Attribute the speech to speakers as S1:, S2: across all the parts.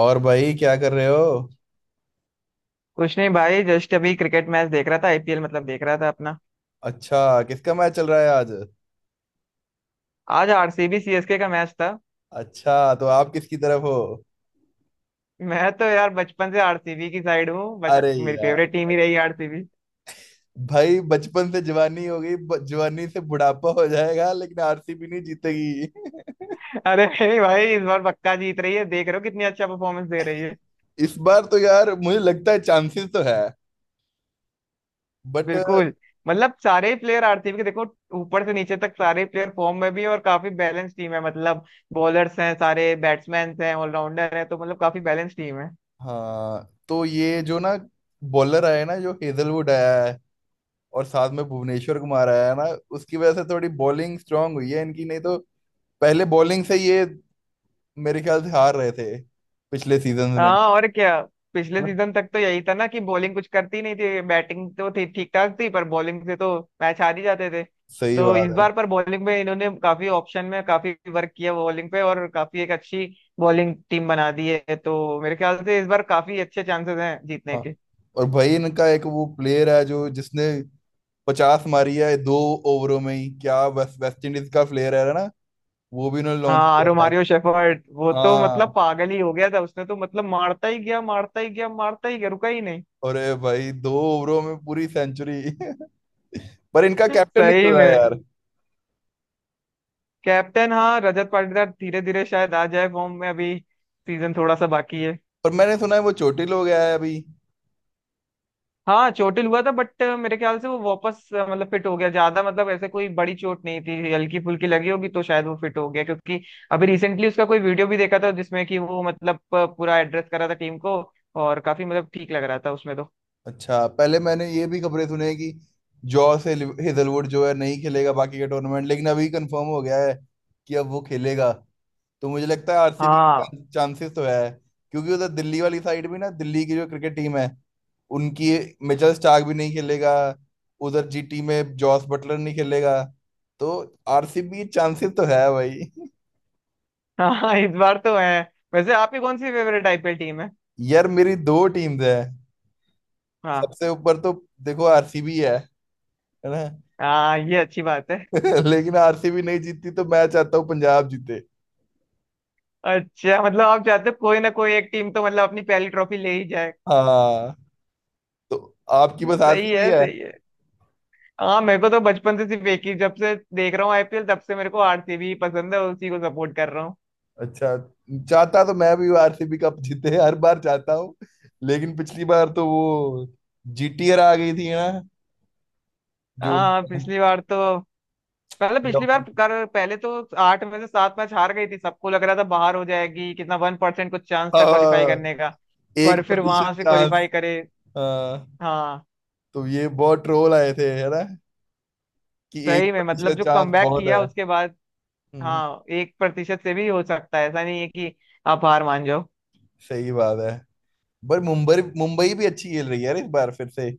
S1: और भाई क्या कर रहे हो।
S2: कुछ नहीं भाई, जस्ट अभी क्रिकेट मैच देख रहा था। आईपीएल मतलब देख रहा था अपना।
S1: अच्छा, किसका मैच चल रहा है आज?
S2: आज आरसीबी सीएसके का मैच था।
S1: अच्छा, तो आप किसकी तरफ हो?
S2: मैं तो यार बचपन से आरसीबी की साइड हूँ। बच
S1: अरे
S2: मेरी
S1: यार।
S2: फेवरेट टीम ही रही आरसीबी।
S1: भाई बचपन से जवानी हो गई, जवानी से बुढ़ापा हो जाएगा, लेकिन आरसीबी नहीं जीतेगी।
S2: अरे नहीं भाई, इस बार पक्का जीत रही है, देख रहे हो कितनी अच्छा परफॉर्मेंस दे रही है।
S1: इस बार तो यार मुझे लगता है चांसेस तो है, बट।
S2: बिल्कुल। मतलब सारे प्लेयर आरसीबी के देखो, ऊपर से नीचे तक सारे प्लेयर फॉर्म में भी हैं और काफी बैलेंस टीम है। मतलब बॉलर्स हैं, सारे बैट्समैन हैं, ऑलराउंडर हैं, तो मतलब काफी बैलेंस टीम है।
S1: हाँ, तो ये जो ना बॉलर आया है ना, जो हेजलवुड आया है, और साथ में भुवनेश्वर कुमार आया है ना, उसकी वजह से थोड़ी बॉलिंग स्ट्रांग हुई है इनकी, नहीं तो पहले बॉलिंग से ये मेरे ख्याल से हार रहे थे पिछले सीजन में।
S2: हाँ, और क्या। पिछले
S1: है ना?
S2: सीजन तक तो यही था ना कि बॉलिंग कुछ करती नहीं थी, बैटिंग तो थी ठीक ठाक थी, पर बॉलिंग से तो मैच हार ही जाते थे।
S1: सही
S2: तो
S1: बात
S2: इस
S1: है।
S2: बार पर बॉलिंग में इन्होंने काफी ऑप्शन में काफी वर्क किया बॉलिंग पे, और काफी एक अच्छी बॉलिंग टीम बना दी है, तो मेरे ख्याल से इस बार काफी अच्छे चांसेस हैं जीतने
S1: हाँ,
S2: के।
S1: और भाई इनका एक वो प्लेयर है जो जिसने 50 मारी है 2 ओवरों में ही, क्या वेस्ट वेस्ट इंडीज का प्लेयर है ना, वो भी इन्होंने लॉन्च
S2: हाँ,
S1: किया है।
S2: रोमारियो शेफर्ड, वो तो
S1: हाँ,
S2: मतलब पागल ही हो गया था। उसने तो मतलब मारता ही गया, मारता ही गया, मारता ही गया, रुका ही नहीं।
S1: अरे भाई 2 ओवरों में पूरी सेंचुरी। पर इनका कैप्टन निकल
S2: सही
S1: रहा
S2: में।
S1: है यार।
S2: कैप्टन, हाँ रजत पाटीदार, धीरे धीरे शायद आ जाए फॉर्म में। अभी सीजन थोड़ा सा बाकी है।
S1: पर मैंने सुना है वो चोटिल हो गया है अभी।
S2: हाँ चोटिल हुआ था, बट मेरे ख्याल से वो वापस मतलब फिट हो गया ज्यादा। मतलब ऐसे कोई बड़ी चोट नहीं थी, हल्की फुल्की लगी होगी, तो शायद वो फिट हो गया, क्योंकि अभी रिसेंटली उसका कोई वीडियो भी देखा था, जिसमें कि वो मतलब पूरा एड्रेस करा था टीम को, और काफी मतलब ठीक लग रहा था उसमें तो।
S1: अच्छा, पहले मैंने ये भी खबरें सुने हैं कि जॉस हिजलवुड जो है नहीं खेलेगा बाकी के टूर्नामेंट, लेकिन अभी कंफर्म हो गया है कि अब वो खेलेगा। तो मुझे लगता है आरसीबी
S2: हाँ।
S1: के चांसेस तो है, क्योंकि उधर दिल्ली वाली साइड भी ना, दिल्ली की जो क्रिकेट टीम है उनकी, मिचेल स्टार्क भी नहीं खेलेगा। उधर जीटी में जॉस बटलर नहीं खेलेगा। तो आरसीबी चांसेस तो है भाई।
S2: हाँ इस बार तो है। वैसे आपकी कौन सी फेवरेट आईपीएल टीम है?
S1: यार मेरी दो टीम्स है।
S2: हाँ,
S1: सबसे ऊपर तो देखो आरसीबी है ना।
S2: हाँ, ये अच्छी बात है।
S1: लेकिन आरसीबी नहीं जीतती तो मैं चाहता हूँ पंजाब जीते।
S2: अच्छा, मतलब आप चाहते हो कोई ना कोई एक टीम तो मतलब अपनी पहली ट्रॉफी ले ही जाए।
S1: हाँ, तो आपकी बस
S2: सही
S1: आरसीबी
S2: है,
S1: है।
S2: सही है। हाँ मेरे को तो बचपन से सिर्फ एक ही, जब से देख रहा हूँ आईपीएल तब से मेरे को आरसीबी पसंद है, उसी को सपोर्ट कर रहा हूँ।
S1: अच्छा, चाहता तो मैं भी आरसीबी कप जीते हर बार चाहता हूँ, लेकिन पिछली बार तो वो जीटीआर आ गई थी ना, जो।
S2: हाँ पिछली बार तो पहले, पिछली बार कर पहले तो 8 में से 7 मैच हार गई थी, सबको लग रहा था बाहर हो जाएगी, कितना 1% कुछ चांस था क्वालिफाई
S1: हाँ,
S2: करने का।
S1: एक
S2: पर फिर वहां
S1: प्रतिशत
S2: से
S1: चांस।
S2: क्वालिफाई करे।
S1: हाँ,
S2: हाँ।
S1: तो ये बहुत ट्रोल आए थे है ना, कि एक
S2: सही में मतलब
S1: प्रतिशत
S2: जो
S1: चांस
S2: कमबैक
S1: बहुत है।
S2: किया उसके बाद।
S1: हम्म,
S2: हाँ, 1% से भी हो सकता है, ऐसा नहीं है कि आप हार मान जाओ।
S1: सही बात है। पर मुंबई मुंबई भी अच्छी खेल रही है यार इस बार फिर से,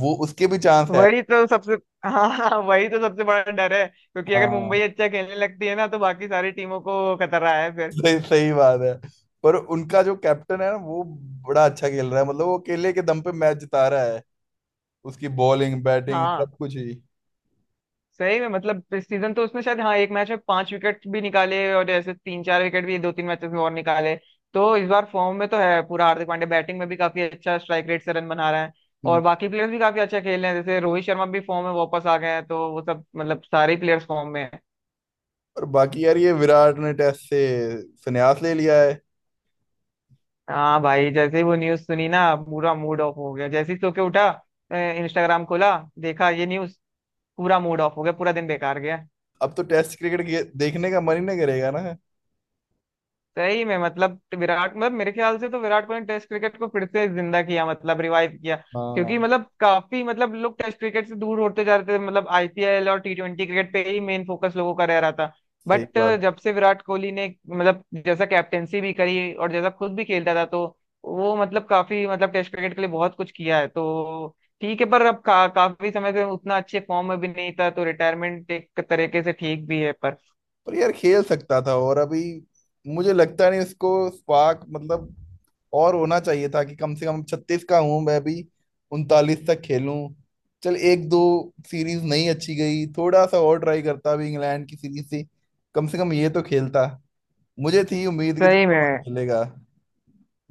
S1: वो उसके भी चांस है।
S2: वही तो सबसे, हाँ हाँ, वही तो सबसे बड़ा डर है, क्योंकि अगर
S1: हाँ,
S2: मुंबई अच्छा खेलने लगती है ना, तो बाकी सारी टीमों को खतरा है फिर।
S1: सही सही बात है। पर उनका जो कैप्टन है ना, वो बड़ा अच्छा खेल रहा है, मतलब वो अकेले के दम पे मैच जिता रहा है। उसकी बॉलिंग बैटिंग
S2: हाँ।
S1: सब कुछ ही।
S2: सही में मतलब इस सीजन तो उसने शायद, हाँ, एक मैच में 5 विकेट भी निकाले, और ऐसे 3 4 विकेट भी 2 3 मैचेस में और निकाले। तो इस बार फॉर्म में तो है पूरा हार्दिक पांड्या। बैटिंग में भी काफी अच्छा स्ट्राइक रेट से रन बना रहा है।
S1: हम्म,
S2: और बाकी प्लेयर्स भी काफी अच्छा खेल रहे हैं, जैसे रोहित शर्मा भी फॉर्म में वापस आ गए हैं, तो वो सब मतलब सारे प्लेयर्स फॉर्म में है।
S1: और बाकी यार ये विराट ने टेस्ट से संन्यास ले लिया है।
S2: हाँ भाई, जैसे ही वो न्यूज सुनी ना, पूरा मूड ऑफ हो गया। जैसे ही सो के उठा, इंस्टाग्राम खोला, देखा ये न्यूज, पूरा मूड ऑफ हो गया, पूरा दिन बेकार गया।
S1: अब तो टेस्ट क्रिकेट देखने का मन ही नहीं करेगा ना।
S2: सही में मतलब विराट, मतलब मेरे ख्याल से तो विराट कोहली ने टेस्ट क्रिकेट को फिर से जिंदा किया, मतलब रिवाइव किया, क्योंकि
S1: हाँ,
S2: मतलब काफी मतलब लोग टेस्ट क्रिकेट से दूर होते जा रहे थे। मतलब आईपीएल और T20 क्रिकेट पे ही मेन फोकस लोगों का रह रहा था।
S1: सही
S2: बट
S1: बात।
S2: जब से विराट कोहली ने मतलब जैसा कैप्टेंसी भी करी और जैसा खुद भी खेलता था, तो वो मतलब काफी मतलब टेस्ट क्रिकेट के लिए बहुत कुछ किया है, तो ठीक है। पर काफी समय से उतना अच्छे फॉर्म में भी नहीं था, तो रिटायरमेंट एक तरीके से ठीक भी है। पर
S1: पर यार खेल सकता था, और अभी मुझे लगता नहीं उसको स्पार्क, मतलब और होना चाहिए था कि कम से कम 36 का हूं, मैं भी 39 तक खेलूं। चल, एक दो सीरीज नहीं अच्छी गई, थोड़ा सा और ट्राई करता भी, इंग्लैंड की सीरीज से कम ये तो खेलता। मुझे थी उम्मीद कि
S2: सही
S1: थोड़ा
S2: में,
S1: बहुत खेलेगा।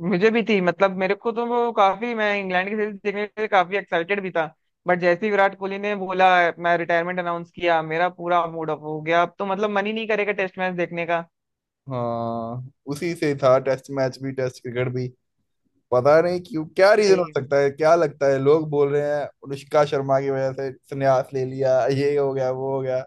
S2: मुझे भी थी। मतलब मेरे को तो वो काफी, मैं इंग्लैंड की सीरीज देखने के लिए काफी एक्साइटेड भी था, बट जैसे ही विराट कोहली ने बोला, मैं रिटायरमेंट अनाउंस किया, मेरा पूरा मूड ऑफ हो गया। अब तो मतलब मन ही नहीं करेगा टेस्ट मैच देखने का।
S1: हाँ, उसी से था टेस्ट मैच भी, टेस्ट क्रिकेट भी। पता नहीं क्यों, क्या रीजन हो
S2: सही।
S1: सकता है, क्या लगता है, लोग बोल रहे हैं अनुष्का शर्मा की वजह से संन्यास ले लिया, ये हो गया वो हो गया,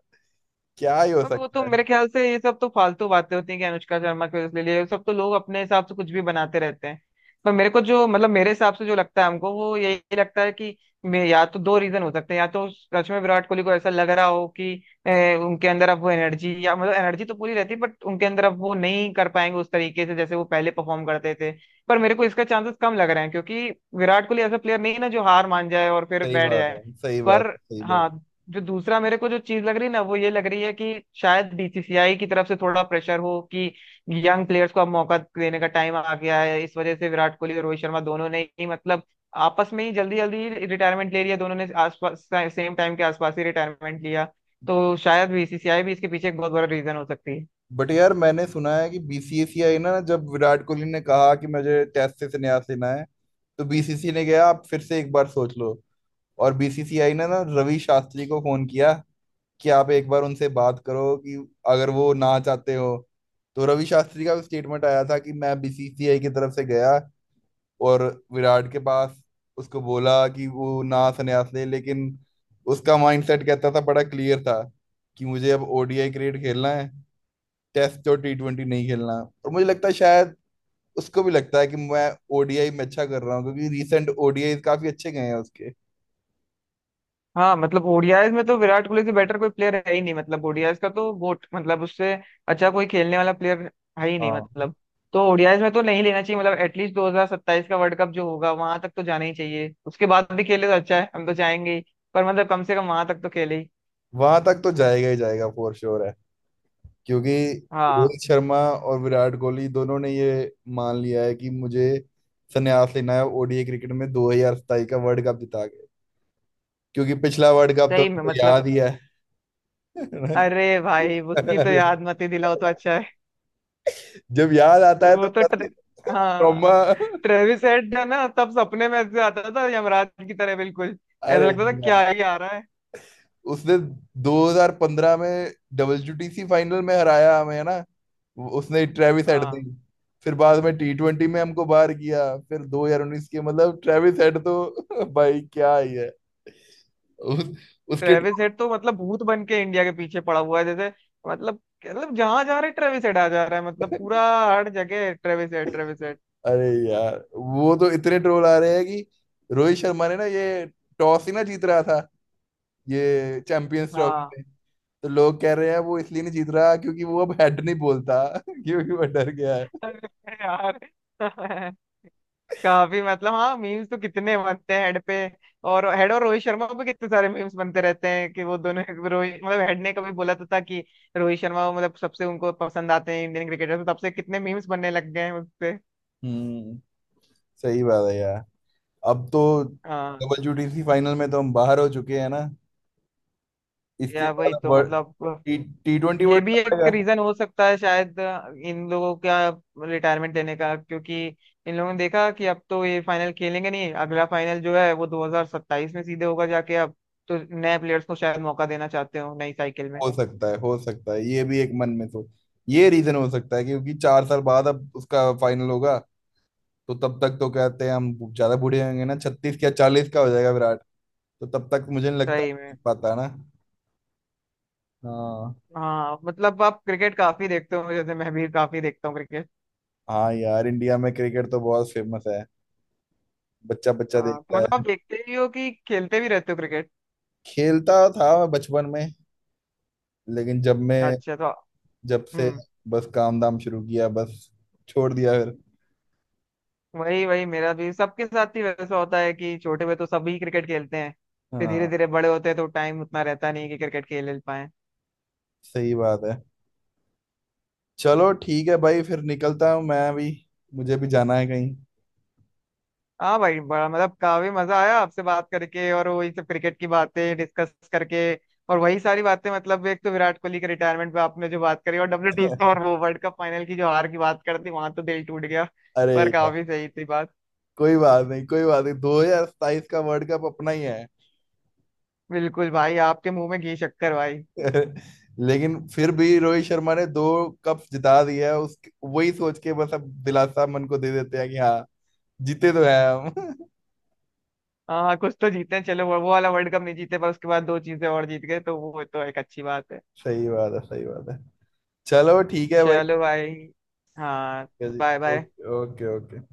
S1: क्या ही हो
S2: अब वो तो
S1: सकता है।
S2: मेरे ख्याल से ये सब तो फालतू बातें होती हैं कि अनुष्का शर्मा के, उसके लिए ये सब तो लोग अपने हिसाब से कुछ भी बनाते रहते हैं। पर मेरे को जो मतलब मेरे हिसाब से जो लगता है, हमको वो यही लगता है कि या तो दो रीजन हो सकते हैं। या तो सच में विराट कोहली को ऐसा लग रहा हो कि उनके अंदर अब वो एनर्जी, या मतलब एनर्जी तो पूरी रहती है, बट उनके अंदर अब वो नहीं कर पाएंगे उस तरीके से जैसे वो पहले परफॉर्म करते थे। पर मेरे को इसका चांसेस कम लग रहे हैं, क्योंकि विराट कोहली ऐसा प्लेयर नहीं है ना, जो हार मान जाए और फिर
S1: सही
S2: बैठ
S1: बात है,
S2: जाए।
S1: सही
S2: पर
S1: बात है, सही बात।
S2: हाँ, जो दूसरा मेरे को जो चीज लग रही है ना, वो ये लग रही है कि शायद बीसीसीआई की तरफ से थोड़ा प्रेशर हो कि यंग प्लेयर्स को अब मौका देने का टाइम आ गया है। इस वजह से विराट कोहली और रोहित शर्मा दोनों ने ही, मतलब आपस में ही जल्दी जल्दी रिटायरमेंट ले लिया दोनों ने, आसपास सेम टाइम के आसपास ही रिटायरमेंट लिया। तो शायद बीसीसीआई भी इसके पीछे एक बहुत बड़ा रीजन हो सकती है।
S1: बट यार, मैंने सुना है कि बीसीसीआई ना, जब विराट कोहली ने कहा कि मुझे टेस्ट से संन्यास लेना है, तो बीसीसीआई ने कहा आप फिर से एक बार सोच लो। और बीसीसीआई ने ना रवि शास्त्री को फोन किया कि आप एक बार उनसे बात करो, कि अगर वो ना चाहते हो तो। रवि शास्त्री का स्टेटमेंट आया था कि मैं बीसीसीआई की तरफ से गया, और विराट के पास, उसको बोला कि वो ना संन्यास ले, लेकिन उसका माइंडसेट कहता था, बड़ा क्लियर था, कि मुझे अब ओडीआई क्रिकेट खेलना है, टेस्ट और टी ट्वेंटी नहीं खेलना। और मुझे लगता है शायद उसको भी लगता है कि मैं ओडीआई में अच्छा कर रहा हूँ, क्योंकि रीसेंट ओडीआई काफी अच्छे गए हैं उसके।
S2: हाँ मतलब ओडीआईज में तो विराट कोहली से बेटर कोई प्लेयर है ही नहीं। मतलब ओडीआईज का तो गोट, मतलब उससे अच्छा कोई खेलने वाला प्लेयर है ही नहीं
S1: हाँ,
S2: मतलब। तो ओडीआईज में तो नहीं लेना चाहिए। मतलब एटलीस्ट 2027 का वर्ल्ड कप जो होगा वहां तक तो जाना ही चाहिए। उसके बाद भी खेले तो अच्छा है, हम तो चाहेंगे ही, पर मतलब कम से कम वहां तक तो खेले ही।
S1: वहां तक तो जाएगा ही जाएगा, फॉर श्योर है। क्योंकि
S2: हाँ
S1: रोहित शर्मा और विराट कोहली दोनों ने ये मान लिया है कि मुझे संन्यास लेना है ओडीआई क्रिकेट में 2027 का वर्ल्ड कप जिता के, क्योंकि पिछला वर्ल्ड कप तो
S2: सही में
S1: हमको
S2: मतलब।
S1: याद ही है।
S2: अरे भाई उसकी तो
S1: अरे,
S2: याद मत ही दिलाओ तो अच्छा है।
S1: जब याद आता है तो
S2: वो तो ट्रे...
S1: बस।
S2: हाँ।
S1: ट्रॉमा।
S2: ट्रेविस हेड है ना, तब सपने में ऐसे आता था यमराज की तरह बिल्कुल।
S1: अरे
S2: ऐसा लगता था क्या
S1: यार,
S2: ही आ रहा है।
S1: उसने 2015 में डब्ल्यूटीसी फाइनल में हराया हमें है ना, उसने ट्रेविस हेड दी।
S2: हाँ।
S1: फिर बाद में टी ट्वेंटी में हमको बाहर किया। फिर 2019 के, मतलब ट्रेविस हेड तो भाई क्या ही है। उस, उसके।
S2: ट्रेविस हेड तो मतलब भूत बन के इंडिया के पीछे पड़ा हुआ है जैसे, मतलब, मतलब जहां जा रहे ट्रेविस हेड आ जा रहा है। मतलब पूरा हर जगह ट्रेविस हेड, ट्रेविस हेड।
S1: अरे यार, वो तो इतने ट्रोल आ रहे हैं कि रोहित शर्मा ने ना ये टॉस ही ना जीत रहा था ये चैंपियंस ट्रॉफी
S2: हाँ।
S1: में, तो लोग कह रहे हैं वो इसलिए नहीं जीत रहा क्योंकि वो अब हेड नहीं बोलता। क्योंकि वो डर गया है।
S2: अरे यार। काफी मतलब, हाँ मीम्स तो कितने बनते हैं हेड पे। और हेड और रोहित शर्मा पे कितने सारे मीम्स बनते रहते हैं कि वो दोनों। रोहित, मतलब हेड ने कभी बोला तो था कि रोहित शर्मा मतलब सबसे उनको पसंद आते हैं इंडियन क्रिकेटर, तो तब से कितने मीम्स बनने लग गए हैं उससे।
S1: हम्म, सही बात है यार। अब तो
S2: हाँ
S1: डब्ल्यूटीसी फाइनल में तो हम बाहर हो चुके हैं ना। इसके
S2: या
S1: बाद
S2: वही
S1: अब
S2: तो
S1: वर्ल्ड
S2: मतलब।
S1: टी, टी ट्वेंटी
S2: ये
S1: वर्ल्ड
S2: भी
S1: कप
S2: एक
S1: आएगा।
S2: रीजन हो सकता है शायद इन लोगों का रिटायरमेंट लेने का। क्योंकि इन लोगों ने देखा कि अब तो ये फाइनल खेलेंगे नहीं, अगला फाइनल जो है वो 2027 में सीधे होगा जाके अब, तो नए प्लेयर्स को शायद मौका देना चाहते हो नई साइकिल में।
S1: हो सकता है, हो सकता है ये भी एक मन में सोच, ये रीजन हो सकता है क्योंकि 4 साल बाद अब उसका फाइनल होगा। तो तब तक तो कहते हैं हम ज्यादा बूढ़े होंगे ना, 36 या 40 का हो जाएगा विराट। तो तब तक मुझे नहीं लगता
S2: सही में।
S1: जीत पाता है ना। हाँ।
S2: हाँ मतलब आप क्रिकेट काफी देखते हो, जैसे मैं भी काफी देखता हूँ क्रिकेट।
S1: हाँ यार, इंडिया में क्रिकेट तो बहुत फेमस है, बच्चा बच्चा
S2: हाँ तो
S1: देखता
S2: मतलब आप
S1: है।
S2: देखते भी हो कि खेलते भी रहते हो क्रिकेट?
S1: खेलता था मैं बचपन में, लेकिन जब मैं,
S2: अच्छा, तो।
S1: जब से
S2: हम्म।
S1: बस काम धाम शुरू किया, बस, छोड़ दिया फिर।
S2: वही वही मेरा भी सबके साथ ही वैसा होता है कि छोटे में तो सभी क्रिकेट खेलते हैं, फिर धीरे
S1: हाँ,
S2: धीरे बड़े होते हैं तो टाइम उतना रहता नहीं कि क्रिकेट खेल पाए।
S1: सही बात है। चलो ठीक है भाई, फिर निकलता हूँ मैं भी, मुझे भी जाना है कहीं।
S2: हाँ भाई, बड़ा मतलब काफी मजा आया आपसे बात करके, और वही सब क्रिकेट की बातें डिस्कस करके, और वही सारी बातें मतलब एक तो विराट कोहली के रिटायरमेंट पे आपने जो बात करी, और डब्ल्यू टी और वो वर्ल्ड कप फाइनल की जो हार की बात करती, वहां तो दिल टूट गया।
S1: अरे
S2: पर
S1: यार,
S2: काफी सही थी बात।
S1: कोई बात नहीं, कोई बात नहीं, 2027 का वर्ल्ड कप अपना ही है।
S2: बिल्कुल भाई, आपके मुंह में घी शक्कर भाई।
S1: लेकिन फिर भी रोहित शर्मा ने दो कप जिता दिया है उस, वही सोच के बस अब दिलासा मन को दे देते हैं कि हाँ, जीते तो है हम।
S2: हाँ, हाँ, कुछ तो जीते हैं, चलो वो वाला वर्ल्ड कप नहीं जीते पर उसके बाद दो चीजें और जीत गए, तो वो तो एक अच्छी बात है।
S1: सही बात है, सही बात है। चलो ठीक है भाई।
S2: चलो भाई। हाँ।
S1: ठीक है जी।
S2: Bye bye.
S1: Okay okay okay.